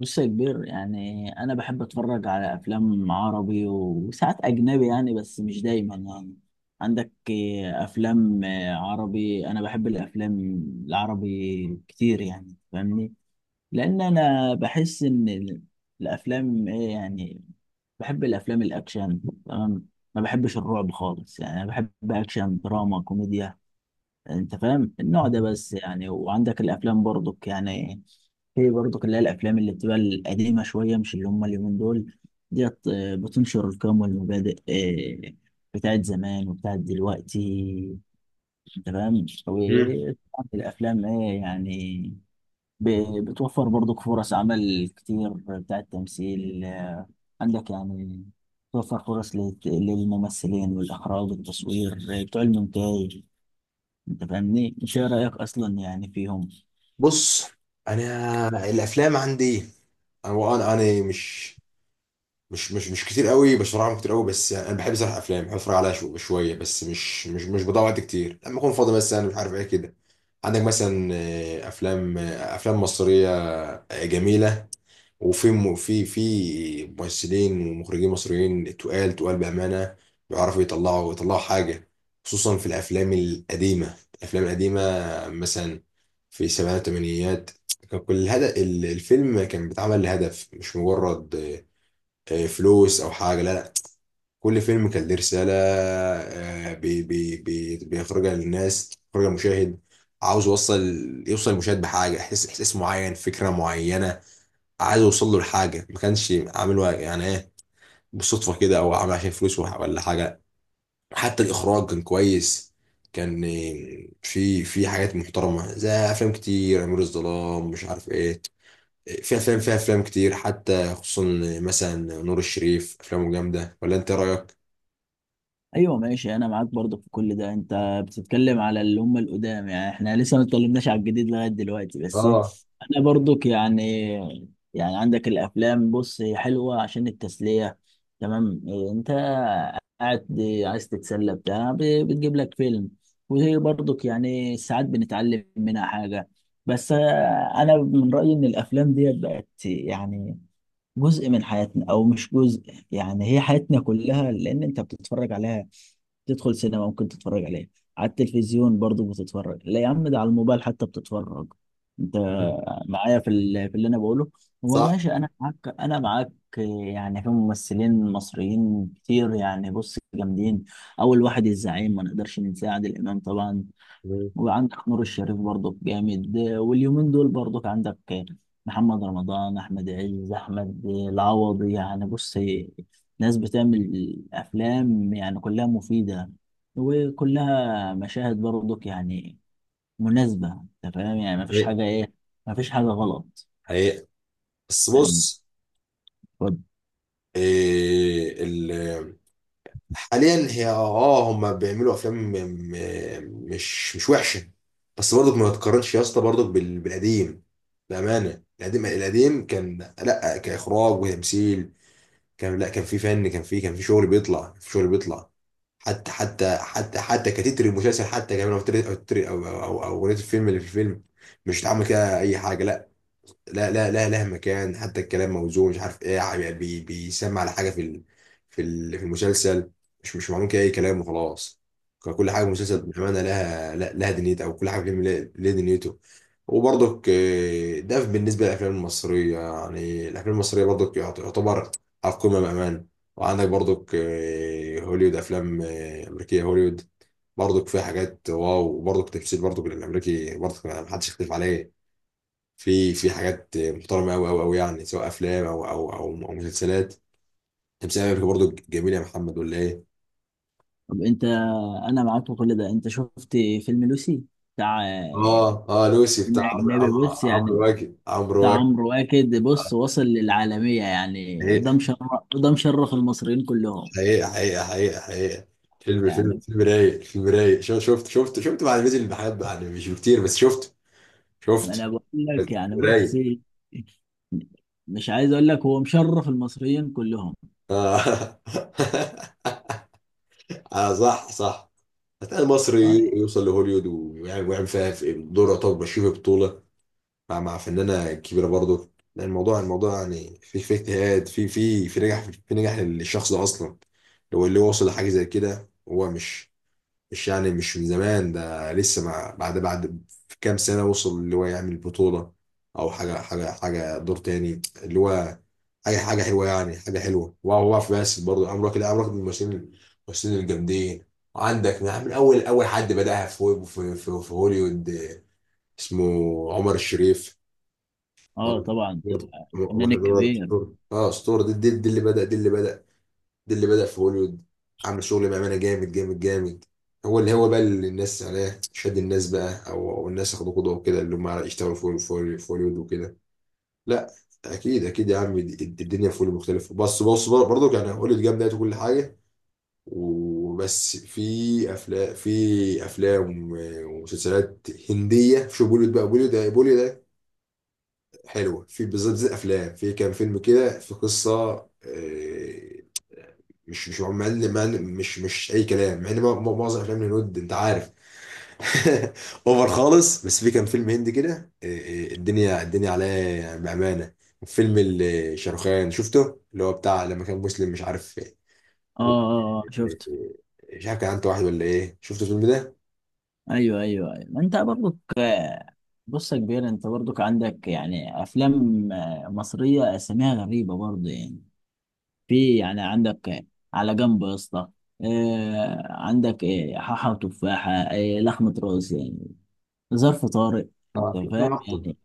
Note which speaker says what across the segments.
Speaker 1: بص يا كبير، يعني انا بحب اتفرج على افلام عربي وساعات اجنبي يعني، بس مش دايما يعني. عندك افلام عربي. انا بحب الافلام العربي كتير، يعني فاهمني. لان انا بحس ان الافلام ايه يعني. بحب الافلام الاكشن. تمام. ما بحبش الرعب خالص، يعني انا بحب اكشن دراما كوميديا. انت فاهم النوع ده بس، يعني وعندك الافلام برضك يعني. في برضك اللي هي الافلام اللي بتبقى القديمه شويه، مش اللي هم اليومين دول ديت، بتنشر القيم والمبادئ، آه، بتاعت زمان وبتاعت دلوقتي. انت فاهم؟
Speaker 2: مم.
Speaker 1: وطبعاً الافلام ايه يعني، بتوفر برضك فرص عمل كتير بتاعت تمثيل. عندك يعني توفر فرص للممثلين والإخراج والتصوير، بتوع المونتاج. انت فاهمني، ايش رايك اصلا يعني فيهم؟
Speaker 2: بص، انا الافلام عندي، انا مش كتير قوي بشرحهم كتير قوي، بس يعني انا بحب صراحة افلام بحب اتفرج عليها شويه، بس مش بضيع وقت كتير لما اكون فاضي، مثلا مش عارف ايه كده. عندك مثلا افلام، افلام مصريه جميله، وفي في ممثلين ومخرجين مصريين، تقال تقال بأمانة، بيعرفوا يطلعوا يطلعوا حاجة، خصوصا في الأفلام القديمة الأفلام القديمة، مثلا في السبعينات والثمانينات. كان كل الهدف، الفيلم كان بيتعمل لهدف، مش مجرد فلوس أو حاجة. لا لا، كل فيلم كان ليه رسالة آه، بي بي بي بيخرجها للناس، بيخرجها للمشاهد، عاوز يوصل المشاهد بحاجة، إحساس معين، فكرة معينة، عايز اوصل له لحاجه ما كانش عامله يعني ايه، بالصدفه كده، او عامل عشان فلوس ولا حاجه. حتى الاخراج كان كويس، كان في حاجات محترمه، زي افلام كتير، امير الظلام مش عارف ايه، في افلام، فيها افلام كتير حتى، خصوصا مثلا نور الشريف افلامه جامده، ولا انت إيه رايك؟
Speaker 1: ايوه ماشي، انا معاك برضه في كل ده. انت بتتكلم على اللي هم القدام، يعني احنا لسه ما اتكلمناش على الجديد لغايه دلوقتي بس.
Speaker 2: اه،
Speaker 1: انا برضك يعني عندك الافلام. بص، هي حلوه عشان التسليه. تمام. انت قاعد عايز تتسلى بتاع، بتجيب لك فيلم. وهي برضك يعني ساعات بنتعلم منها حاجه. بس، انا من رايي ان الافلام ديت بقت يعني جزء من حياتنا او مش جزء. يعني هي حياتنا كلها، لان انت بتتفرج عليها، تدخل سينما ممكن تتفرج عليها، على التلفزيون برضو بتتفرج، لا يا عم، ده على الموبايل حتى بتتفرج. انت معايا في اللي انا بقوله؟ هو
Speaker 2: صح.
Speaker 1: ماشي، انا معاك. يعني في ممثلين مصريين كتير، يعني بص جامدين. اول واحد الزعيم ما نقدرش ننساه، عادل امام طبعا.
Speaker 2: مم.
Speaker 1: وعندك نور الشريف برضك جامد. واليومين دول برضك عندك محمد رمضان، احمد عز، احمد العوضي. يعني بص، ناس بتعمل افلام يعني كلها مفيدة، وكلها مشاهد برضك يعني مناسبة. انت فاهم يعني، ما فيش
Speaker 2: حقيقة
Speaker 1: حاجة ايه، ما فيش حاجة غلط
Speaker 2: حقيقة، بس
Speaker 1: يعني.
Speaker 2: بص،
Speaker 1: طب،
Speaker 2: إيه ال حاليا هي هم بيعملوا افلام، مش وحشه، بس برضك ما تقارنش يا اسطى، برضك بالقديم. بامانه القديم القديم، كان لا كاخراج وتمثيل، كان لا، كان في فن، كان في شغل بيطلع، في شغل بيطلع، حتى كتتر المسلسل، حتى كمان او تتر- او تتر- او او أو اغنيه الفيلم اللي في الفيلم، مش اتعمل كده اي حاجه. لا لا لا لا، لها مكان، حتى الكلام موزون، مش عارف ايه يعني، بيسمع على حاجه في المسلسل، مش معلوم كده اي كلام وخلاص. كل حاجه في المسلسل بامانه لها، لها دنيتها، او كل حاجه في الفيلم لها دنيته. وبرضك، ده بالنسبه للافلام المصريه، يعني الافلام المصريه برضك يعتبر على القمه بامان. وعندك برضك هوليوود، افلام امريكيه، هوليوود برضك فيها حاجات، واو، وبرضك تمثيل، برضك الامريكي برضك ما حدش يختلف عليه، في حاجات محترمه قوي قوي قوي، يعني سواء افلام أو مسلسلات، تمثيل امريكا برضو جميل يا محمد، ولا ايه؟
Speaker 1: طب انت، انا معاك في كل ده. انت شفت فيلم لوسي بتاع،
Speaker 2: اه اه، لوسي بتاع
Speaker 1: فيلم
Speaker 2: عمرو
Speaker 1: اجنبي
Speaker 2: عمرو
Speaker 1: بص
Speaker 2: عمرو
Speaker 1: يعني،
Speaker 2: واكد عمرو
Speaker 1: بتاع
Speaker 2: واكد
Speaker 1: عمرو واكد، بص وصل للعالمية؟ يعني ده
Speaker 2: حقيقة
Speaker 1: مشرف. ده مشرف المصريين كلهم.
Speaker 2: حقيقة حقيقة حقيقة حقيقة، فيلم فيلم
Speaker 1: يعني
Speaker 2: فيلم رايق فيلم رايق، شفت بعد ما نزل، بحب يعني مش كتير، بس شفت
Speaker 1: ما
Speaker 2: شفت
Speaker 1: انا بقول لك
Speaker 2: فيلم
Speaker 1: يعني بص،
Speaker 2: رايق.
Speaker 1: مش عايز اقول لك، هو مشرف المصريين كلهم.
Speaker 2: اه صح صح، هتلاقي المصري
Speaker 1: اه،
Speaker 2: يوصل لهوليود ويعمل فيها في دور، يعتبر ماشي في بطولة، مع فنانة كبيرة، برضو لأن الموضوع يعني في اجتهاد، في نجاح للشخص ده أصلا، لو اللي وصل لحاجة زي كده، هو مش يعني مش من زمان ده، لسه مع بعد في كام سنة وصل اللي هو يعمل بطولة، أو حاجة دور تاني، اللي هو حاجة حلوة يعني حاجة حلوة، وهو واقف بس، برضه عمرو واكد من الممثلين الجامدين. عندك من أول أول حد بدأها في هوليوود، اسمه عمر الشريف.
Speaker 1: آه
Speaker 2: برضه
Speaker 1: طبعا.
Speaker 2: برضه
Speaker 1: الفنان
Speaker 2: عمر
Speaker 1: الكبير.
Speaker 2: اسطوره، اسطوره، دي اللي بدأ دي اللي بدأ في هوليوود، عامل شغل بأمانة، جامد جامد جامد. هو اللي هو بقى، اللي الناس عليه شد الناس بقى، أو الناس اخدوا قدوه وكده، اللي هم يشتغلوا في هوليوود وكده. لا، اكيد اكيد يا عم، الدنيا في هوليوود مختلفه، بس بص برضه يعني هوليوود جامده وكل حاجه. وبس في افلام ومسلسلات هنديه، شو بوليوود بقى، بوليوود ده، بوليوود حلوه، في بالظبط زي الافلام، في كام فيلم كده في قصه، آه، مش مش اي كلام، مع ان معظم افلام الهنود انت عارف، اوفر خالص، بس في كام فيلم هندي كده، آه، الدنيا الدنيا عليه، يعني بامانه. فيلم شاروخان شفته، اللي هو بتاع لما كان مسلم مش عارف، آه،
Speaker 1: اه، اه، اه، شفت.
Speaker 2: مش عارف كان عنده واحد ولا ايه، شفت الفيلم ده؟
Speaker 1: ايوه، ايوه، ايوه، ما انت برضك. بص يا كبير، انت برضك عندك يعني افلام مصرية، اساميها غريبة برضه يعني. في يعني عندك، على جنب يا اسطى، عندك حاحة وتفاحة، لحمة راس يعني، ظرف طارئ. انت
Speaker 2: اه
Speaker 1: فاهم يعني.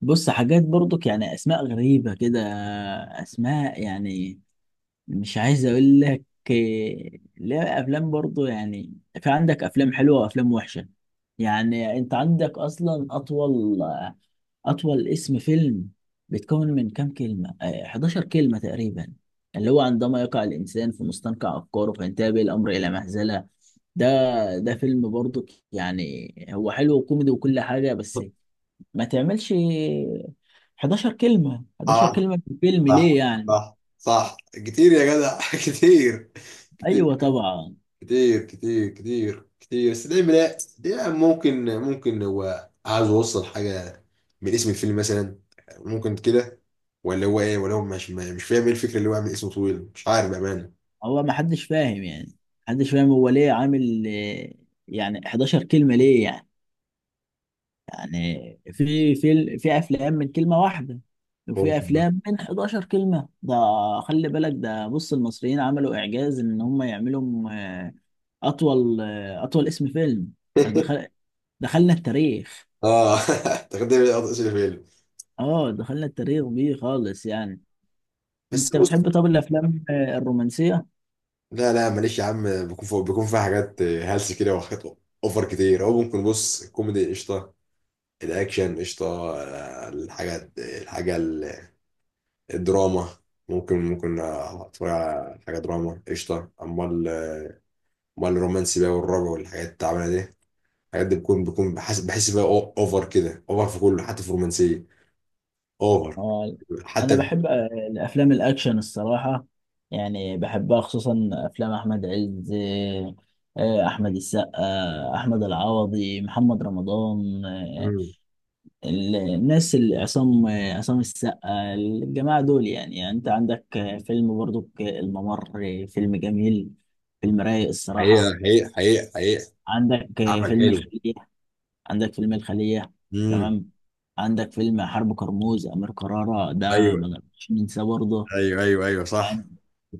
Speaker 1: بص حاجات برضك يعني اسماء غريبة كده، اسماء يعني مش عايز اقول لك، لا، افلام برضو يعني. في عندك افلام حلوة وافلام وحشة. يعني انت عندك اصلا أطول اسم فيلم بيتكون من كام كلمة؟ 11 كلمة تقريبا، اللي هو: عندما يقع الإنسان في مستنقع أفكاره فينتهي به الأمر إلى مهزلة. ده ده فيلم برضو. يعني هو حلو وكوميدي وكل حاجة، بس ما تعملش 11 كلمة، 11
Speaker 2: اه،
Speaker 1: كلمة في فيلم ليه
Speaker 2: صح
Speaker 1: يعني؟
Speaker 2: صح صح، كتير يا جدع، كتير
Speaker 1: أيوه طبعا.
Speaker 2: كتير كتير كتير كتير. بس دايما، لا دايما، ممكن هو عاوز يوصل حاجة من اسم الفيلم مثلا، ممكن كده، ولا هو ايه، ولا هو مش فاهم ايه الفكرة اللي هو عامل اسمه طويل، مش عارف بأمانة،
Speaker 1: هو ما حدش فاهم يعني، محدش فاهم هو ليه عامل، يعني 11 كلمة ليه يعني؟ يعني في افلام من كلمه واحده، وفي
Speaker 2: ممكن بقى.
Speaker 1: افلام من 11 كلمه ده. خلي بالك ده، بص المصريين عملوا اعجاز ان هم يعملوا اطول اطول اسم فيلم. ده دخلنا التاريخ.
Speaker 2: اه تقدم لي اسم الفيلم.
Speaker 1: اه، دخلنا التاريخ بيه خالص يعني.
Speaker 2: بس
Speaker 1: انت
Speaker 2: بص،
Speaker 1: بتحب؟ طب، الافلام الرومانسيه؟
Speaker 2: لا لا معلش يا عم، بيكون فوق، بيكون فيها حاجات هلس كده وحاجات اوفر كتير، او ممكن بص، الكوميدي قشطة، الاكشن قشطة، آه، الحاجات الحاجة الدراما، ممكن اتفرج على حاجه دراما قشطه، امال الرومانسي بقى، والرعب والحاجات التعبانه دي، الحاجات دي بكون بحس بقى اوفر كده، اوفر في كله حتى في الرومانسيه اوفر،
Speaker 1: آه، انا
Speaker 2: حتى في-
Speaker 1: بحب الافلام الاكشن الصراحه. يعني بحبها خصوصا افلام احمد عز، احمد السقا، احمد العوضي، محمد رمضان،
Speaker 2: مم.
Speaker 1: الناس اللي عصام، عصام السقا. الجماعه دول يعني انت عندك فيلم برضو الممر. فيلم جميل، فيلم رايق الصراحه.
Speaker 2: حقيقه حقيقه حقيقه حقيقه،
Speaker 1: عندك
Speaker 2: عمل
Speaker 1: فيلم
Speaker 2: حلو،
Speaker 1: الخلية. عندك فيلم الخلية
Speaker 2: امم،
Speaker 1: تمام. عندك فيلم حرب كرموز، أمير كرارة ده ما
Speaker 2: ايوه
Speaker 1: نقدرش ننساه برضه.
Speaker 2: ايوه ايوه ايوه، صح،
Speaker 1: يعني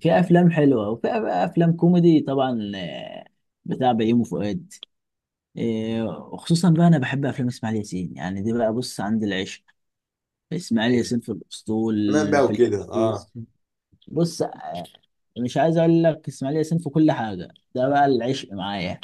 Speaker 1: في أفلام حلوة وفي أفلام كوميدي طبعا، بتاع بيومي فؤاد. وخصوصا بقى أنا بحب أفلام إسماعيل ياسين. يعني دي بقى بص: عند العشق، إسماعيل
Speaker 2: ايوه،
Speaker 1: ياسين في الأسطول،
Speaker 2: تمام بقى
Speaker 1: في
Speaker 2: وكده،
Speaker 1: الكيس، بص. يعني مش عايز اقول لك، اسماعيل ياسين في كل حاجه ده بقى العشق معايا،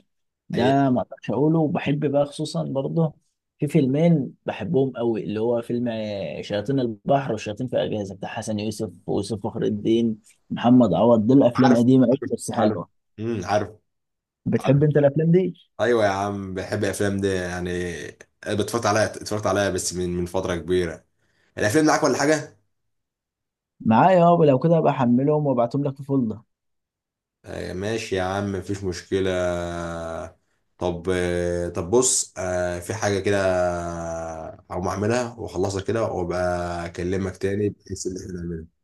Speaker 2: حقيقه،
Speaker 1: ده ما اقدرش اقوله. وبحب بقى خصوصا برضه في فيلمين بحبهم قوي، اللي هو فيلم شياطين البحر، والشياطين في اجهزه، بتاع حسن يوسف ويوسف فخر الدين، محمد عوض. دول افلام
Speaker 2: عارف
Speaker 1: قديمه قوي
Speaker 2: عارف
Speaker 1: بس
Speaker 2: عارف
Speaker 1: حلوه.
Speaker 2: عارف،
Speaker 1: بتحب انت الافلام دي؟
Speaker 2: ايوه يا عم بحب الافلام دي يعني، أنا اتفرجت عليها اتفرجت عليها بس من فتره كبيره، الافلام معاك ولا حاجه؟
Speaker 1: معايا. اه، لو كده ابقى احملهم وابعتهم لك في فولدر.
Speaker 2: ماشي يا عم، مفيش مشكلة. طب طب بص في حاجة كده، هقوم أعملها وأخلصها كده، وأبقى أكلمك تاني، بحيث إن إحنا نعملها